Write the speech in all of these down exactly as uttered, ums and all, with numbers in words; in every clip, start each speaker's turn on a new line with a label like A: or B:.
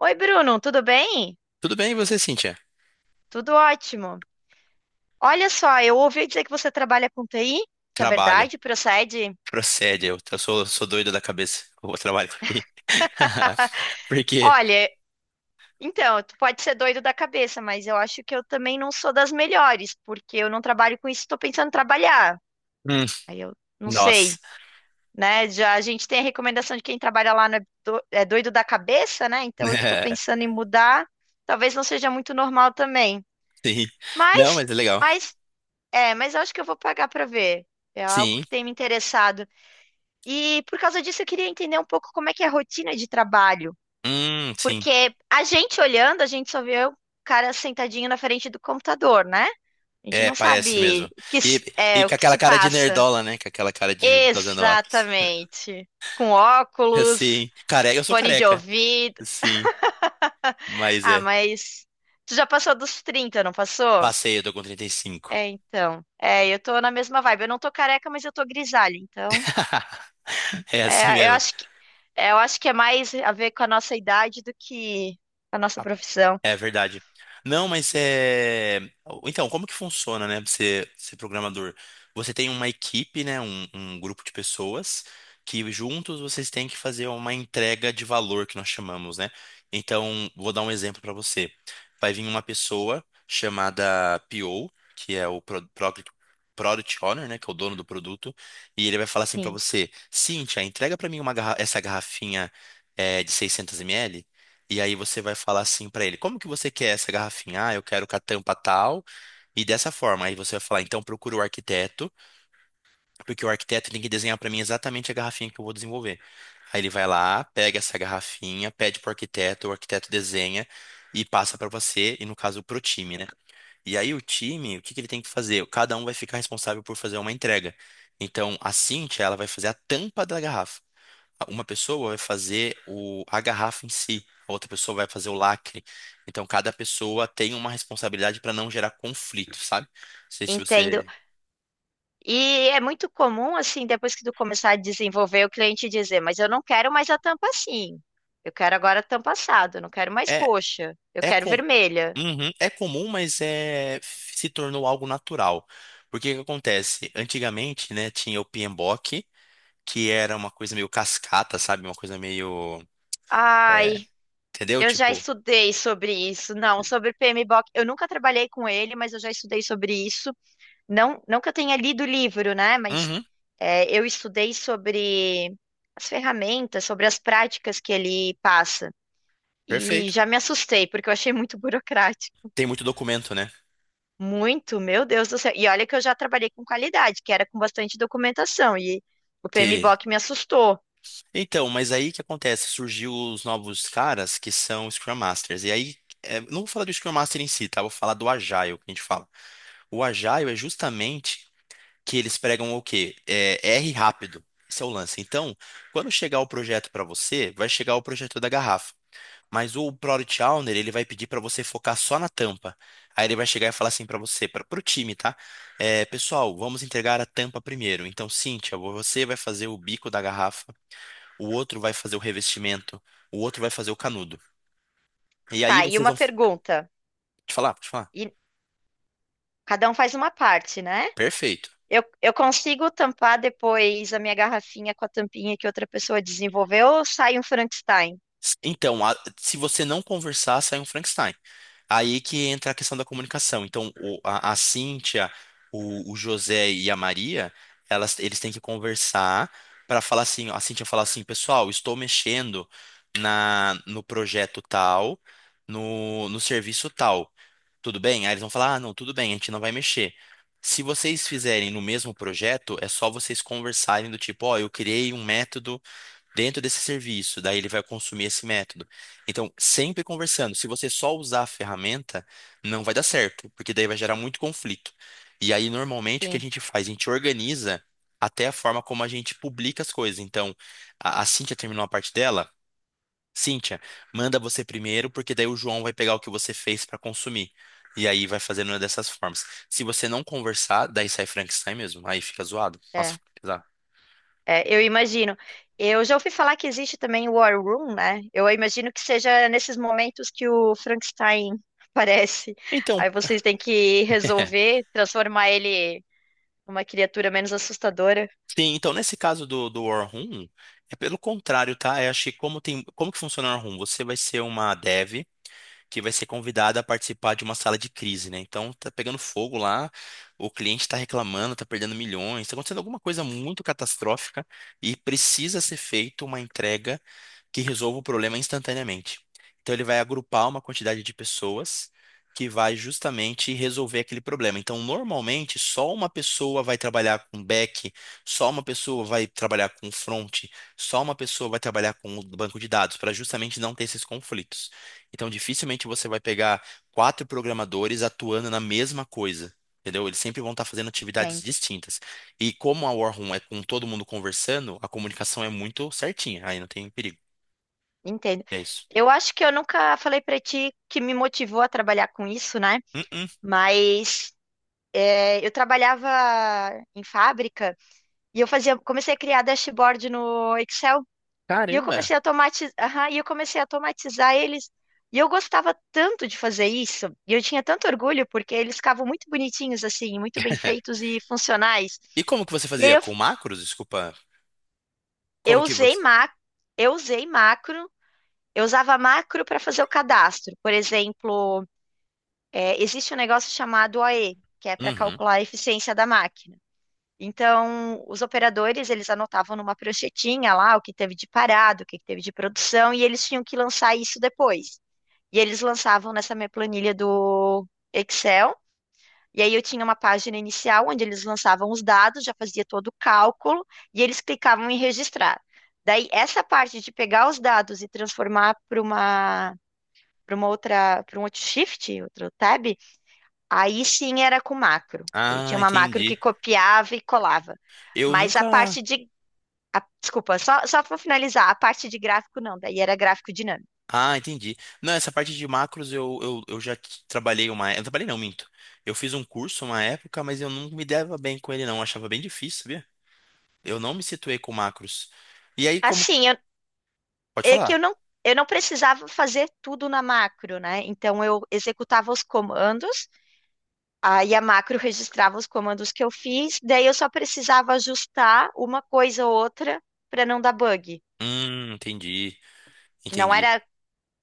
A: Oi, Bruno, tudo bem?
B: Tudo bem, e você, Cíntia?
A: Tudo ótimo. Olha só, eu ouvi dizer que você trabalha com T I. Isso é
B: Trabalha,
A: verdade? Procede?
B: procede. Eu, eu sou, sou doido da cabeça. Eu trabalho com I A. Por aí. Porque,
A: Olha, então, tu pode ser doido da cabeça, mas eu acho que eu também não sou das melhores, porque eu não trabalho com isso, estou pensando em trabalhar.
B: hum,
A: Aí eu não
B: nossa,
A: sei, né? Já a gente tem a recomendação de quem trabalha lá não é do- é doido da cabeça, né? Então, eu que estou pensando em mudar, talvez não seja muito normal também.
B: Sim. Não,
A: Mas,
B: mas é legal.
A: mas, é, mas eu acho que eu vou pagar para ver. É algo
B: Sim.
A: que tem me interessado. E por causa disso eu queria entender um pouco como é que é a rotina de trabalho,
B: Hum, sim.
A: porque a gente olhando, a gente só vê o cara sentadinho na frente do computador, né? A gente
B: É,
A: não
B: parece
A: sabe
B: mesmo.
A: o que
B: E,
A: se-
B: e
A: é o
B: com
A: que
B: aquela
A: se
B: cara de
A: passa
B: nerdola, né? Com aquela cara de fazendo óculos.
A: exatamente. Com óculos,
B: Sim. Careca, eu sou
A: fone de
B: careca.
A: ouvido.
B: Sim. Mas
A: Ah,
B: é.
A: mas tu já passou dos trinta, não passou?
B: Passei, eu tô com trinta e cinco.
A: É, então. É, eu tô na mesma vibe. Eu não tô careca, mas eu tô grisalha, então.
B: É assim
A: É, eu
B: mesmo.
A: acho que, é, eu acho que é mais a ver com a nossa idade do que a nossa profissão.
B: É verdade. Não, mas é. Então, como que funciona, né? Você ser programador? Você tem uma equipe, né? Um, um grupo de pessoas que juntos vocês têm que fazer uma entrega de valor que nós chamamos, né? Então, vou dar um exemplo para você. Vai vir uma pessoa chamada P O, que é o Pro- Pro- Product Owner, né? Que é o dono do produto, e ele vai falar assim para
A: Sim.
B: você: Cíntia, entrega para mim uma garra- essa garrafinha é, de seiscentos mililitros. E aí você vai falar assim pra ele: como que você quer essa garrafinha? Ah, eu quero com a tampa tal. E dessa forma, aí você vai falar: então procura o arquiteto, porque o arquiteto tem que desenhar pra mim exatamente a garrafinha que eu vou desenvolver. Aí ele vai lá, pega essa garrafinha, pede pro arquiteto, o arquiteto desenha e passa pra você, e no caso pro time, né? E aí o time, o que que ele tem que fazer? Cada um vai ficar responsável por fazer uma entrega. Então a Cintia, ela vai fazer a tampa da garrafa. Uma pessoa vai fazer o, a garrafa em si, a outra pessoa vai fazer o lacre. Então, cada pessoa tem uma responsabilidade para não gerar conflito, sabe? Não sei se
A: Entendo.
B: você.
A: E é muito comum, assim, depois que tu começar a desenvolver, o cliente dizer, mas eu não quero mais a tampa assim. Eu quero agora a tampa assada, eu não quero mais
B: É,
A: roxa, eu
B: é,
A: quero
B: com...
A: vermelha.
B: Uhum, é comum, mas é... se tornou algo natural. Porque o que acontece? Antigamente, né, tinha o piembok, que era uma coisa meio cascata, sabe? Uma coisa meio. é,
A: Ai,
B: Entendeu?
A: eu já
B: Tipo.
A: estudei sobre isso. Não, sobre P M B o PMBOK. Eu nunca trabalhei com ele, mas eu já estudei sobre isso. Não, não que eu tenha lido o livro, né? Mas
B: Uhum,
A: é, eu estudei sobre as ferramentas, sobre as práticas que ele passa. E
B: perfeito.
A: já me assustei, porque eu achei muito burocrático.
B: Tem muito documento, né?
A: Muito, meu Deus do céu. E olha que eu já trabalhei com qualidade, que era com bastante documentação. E o PMBOK me assustou.
B: Então, mas aí que acontece? Surgiu os novos caras que são Scrum Masters. E aí, é, não vou falar do Scrum Master em si, tá? Vou falar do Agile que a gente fala. O Agile é justamente que eles pregam o quê? É, R rápido. Esse é o lance. Então, quando chegar o projeto para você, vai chegar o projeto da garrafa. Mas o Product Owner, ele vai pedir para você focar só na tampa. Aí ele vai chegar e falar assim para você, para o time, tá? É, pessoal, vamos entregar a tampa primeiro. Então, Cíntia, você vai fazer o bico da garrafa, o outro vai fazer o revestimento, o outro vai fazer o canudo. E aí
A: Tá, e
B: vocês
A: uma
B: vão
A: pergunta.
B: te falar, te falar,
A: E cada um faz uma parte, né?
B: perfeito.
A: Eu, eu consigo tampar depois a minha garrafinha com a tampinha que outra pessoa desenvolveu ou sai um Frankenstein?
B: Então, a- se você não conversar, sai um Frankenstein. Aí que entra a questão da comunicação. Então, o- a, a Cíntia, o, o José e a Maria, elas, eles têm que conversar para falar assim, a Cíntia fala assim, pessoal, estou mexendo na, no projeto tal, no, no serviço tal. Tudo bem? Aí eles vão falar, ah, não, tudo bem, a gente não vai mexer. Se vocês fizerem no mesmo projeto, é só vocês conversarem do tipo, ó, eu criei um método dentro desse serviço, daí ele vai consumir esse método. Então, sempre conversando. Se você só usar a ferramenta, não vai dar certo, porque daí vai gerar muito conflito. E aí, normalmente, o que a
A: Sim.
B: gente faz? A gente organiza até a forma como a gente publica as coisas. Então, a, a Cíntia terminou a parte dela. Cíntia, manda você primeiro, porque daí o João vai pegar o que você fez para consumir. E aí vai fazendo uma dessas formas. Se você não conversar, daí sai Frankenstein mesmo. Aí fica zoado. Nossa,
A: é
B: fica pesado.
A: É, eu imagino. Eu já ouvi falar que existe também o War Room, né? Eu imagino que seja nesses momentos que o Frankenstein aparece.
B: Então,
A: Aí vocês têm que resolver transformar ele numa criatura menos assustadora.
B: Sim, então nesse caso do, do War Room, é pelo contrário, tá? Eu acho que como tem, como que funciona o War Room? Você vai ser uma dev que vai ser convidada a participar de uma sala de crise, né? Então tá pegando fogo lá, o cliente tá reclamando, tá perdendo milhões, tá acontecendo alguma coisa muito catastrófica e precisa ser feita uma entrega que resolva o problema instantaneamente. Então, ele vai agrupar uma quantidade de pessoas que vai justamente resolver aquele problema. Então, normalmente, só uma pessoa vai trabalhar com back, só uma pessoa vai trabalhar com front, só uma pessoa vai trabalhar com o banco de dados, para justamente não ter esses conflitos. Então, dificilmente você vai pegar quatro programadores atuando na mesma coisa. Entendeu? Eles sempre vão estar fazendo atividades
A: Entendo,
B: distintas. E como a War Room é com todo mundo conversando, a comunicação é muito certinha, aí não tem perigo.
A: entendo.
B: É isso.
A: Eu acho que eu nunca falei pra ti que me motivou a trabalhar com isso, né?
B: Hum, hum.
A: Mas é, eu trabalhava em fábrica e eu fazia, comecei a criar dashboard no Excel. E eu comecei
B: Caramba.
A: a tomatiz... e eu comecei a tomatizar eles. E eu gostava tanto de fazer isso, e eu tinha tanto orgulho, porque eles ficavam muito bonitinhos assim, muito bem feitos e funcionais.
B: E como que você
A: E aí
B: fazia
A: eu,
B: com macros? Desculpa.
A: eu
B: Como que
A: usei
B: você.
A: ma... eu usei macro, eu usava macro para fazer o cadastro. Por exemplo, é, existe um negócio chamado O E, que é para
B: Uhum.
A: calcular a eficiência da máquina. Então, os operadores, eles anotavam numa pranchetinha lá o que teve de parado, o que teve de produção, e eles tinham que lançar isso depois. E eles lançavam nessa minha planilha do Excel. E aí eu tinha uma página inicial onde eles lançavam os dados, já fazia todo o cálculo e eles clicavam em registrar. Daí essa parte de pegar os dados e transformar para uma para uma outra, para um outro shift, outro tab, aí sim era com macro. Aí eu tinha
B: Ah,
A: uma macro que
B: entendi.
A: copiava e colava.
B: Eu
A: Mas a parte
B: nunca.
A: de a- desculpa, só só para finalizar, a parte de gráfico não, daí era gráfico dinâmico.
B: Ah, entendi. Não, essa parte de macros eu, eu, eu já t- trabalhei uma. Eu não trabalhei não, minto. Eu fiz um curso uma época, mas eu não me dava bem com ele, não. Eu achava bem difícil, sabia? Eu não me situei com macros. E aí, como.
A: Assim, eu
B: Pode
A: é que eu
B: falar.
A: não, eu não precisava fazer tudo na macro, né? Então eu executava os comandos, aí a macro registrava os comandos que eu fiz, daí eu só precisava ajustar uma coisa ou outra para não dar bug.
B: Hum, entendi.
A: Não
B: Entendi.
A: era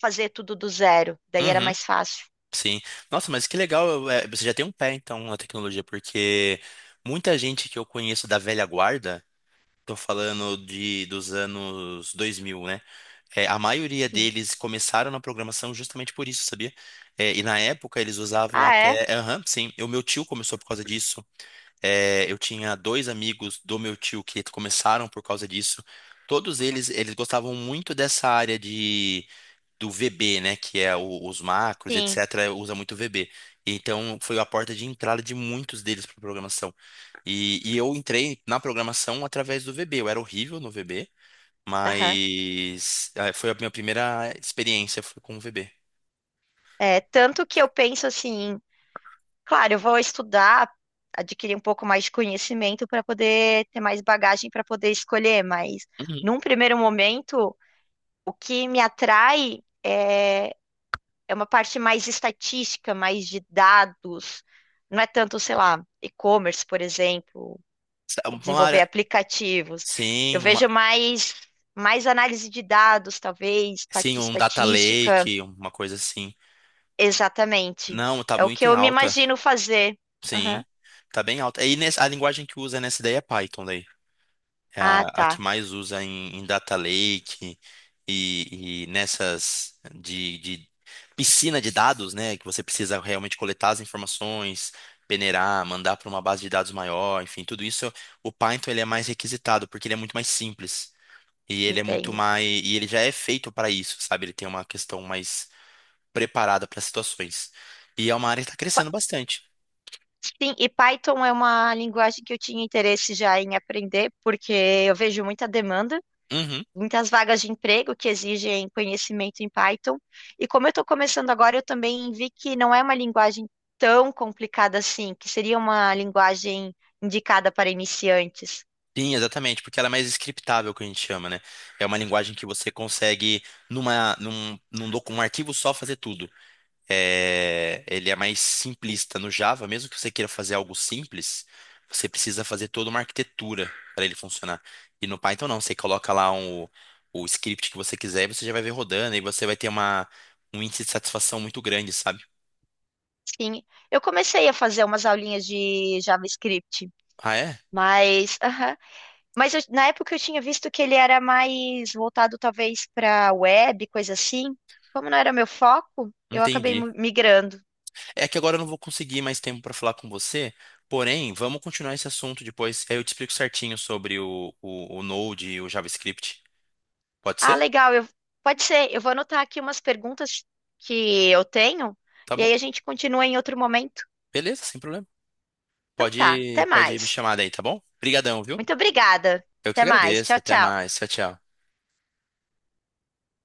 A: fazer tudo do zero, daí era
B: Uhum.
A: mais fácil.
B: Sim. Nossa, mas que legal, é, você já tem um pé então na tecnologia, porque muita gente que eu conheço da velha guarda, tô falando de dos anos dois mil, né? É, a maioria
A: Sim.
B: deles começaram na programação justamente por isso, sabia? É, e na época eles usavam
A: Ah, é?
B: até. Aham, sim. O meu tio começou por causa disso. É, eu tinha dois amigos do meu tio que começaram por causa disso. Todos eles, eles gostavam muito dessa área do V B, né, que é o- os macros,
A: Sim.
B: et cetera, usa muito V B. Então, foi a porta de entrada de muitos deles para programação. E, e eu entrei na programação através do V B. Eu era horrível no V B,
A: Aham.
B: mas eh, foi a minha primeira experiência foi com o V B.
A: É, tanto que eu penso assim, claro, eu vou estudar, adquirir um pouco mais de conhecimento para poder ter mais bagagem para poder escolher, mas
B: Uhum.
A: num primeiro momento. O que me atrai é, é uma parte mais estatística, mais de dados. Não é tanto, sei lá, e-commerce, por exemplo,
B: Sa-
A: ou
B: Uma
A: desenvolver
B: área,
A: aplicativos. Eu
B: sim, uma,
A: vejo mais, mais análise de dados, talvez, parte
B: sim,
A: de
B: um data
A: estatística.
B: lake, uma coisa assim.
A: Exatamente.
B: Não, tá
A: É o que
B: muito em
A: eu me
B: alta,
A: imagino fazer.
B: sim,
A: Aham.
B: tá bem alta. E nes- a linguagem que usa nessa ideia é Python daí. É a,
A: Ah,
B: a que
A: tá.
B: mais usa em, em data lake e, e nessas de, de piscina de dados, né? Que você precisa realmente coletar as informações, peneirar, mandar para uma base de dados maior, enfim, tudo isso. O Python ele é mais requisitado porque ele é muito mais simples e ele é muito
A: Entendo.
B: mais e ele já é feito para isso, sabe? Ele tem uma questão mais preparada para situações e é uma área que está crescendo
A: Pa-
B: bastante.
A: Sim, e Python é uma linguagem que eu tinha interesse já em aprender, porque eu vejo muita demanda,
B: Uhum.
A: muitas vagas de emprego que exigem conhecimento em Python. E como eu estou começando agora, eu também vi que não é uma linguagem tão complicada assim, que seria uma linguagem indicada para iniciantes.
B: Sim, exatamente, porque ela é mais scriptável, que a gente chama, né? É uma linguagem que você consegue, numa, num, num, docu- um arquivo só, fazer tudo. É, ele é mais simplista. No Java, mesmo que você queira fazer algo simples, você precisa fazer toda uma arquitetura para ele funcionar. E no Python, não, você coloca lá um, o script que você quiser e você já vai ver rodando, e você vai ter uma, um índice de satisfação muito grande, sabe?
A: Sim, eu comecei a fazer umas aulinhas de JavaScript,
B: Ah, é?
A: mas, aham. Mas eu- na época eu tinha visto que ele era mais voltado talvez para web, coisa assim. Como não era meu foco, eu acabei
B: Entendi.
A: mu- migrando.
B: É que agora eu não vou conseguir mais tempo para falar com você, porém, vamos continuar esse assunto depois. Aí eu te explico certinho sobre o, o, o Node e o JavaScript. Pode
A: Ah,
B: ser?
A: legal. Eu... Pode ser. Eu vou anotar aqui umas perguntas que eu tenho
B: Tá
A: e
B: bom?
A: aí a gente continua em outro momento.
B: Beleza, sem problema.
A: Então tá.
B: Pode,
A: Até
B: pode me
A: mais.
B: chamar daí, tá bom? Obrigadão, viu?
A: Muito obrigada.
B: Eu que
A: Até mais.
B: agradeço.
A: Tchau,
B: Até
A: tchau.
B: mais. Tchau, tchau.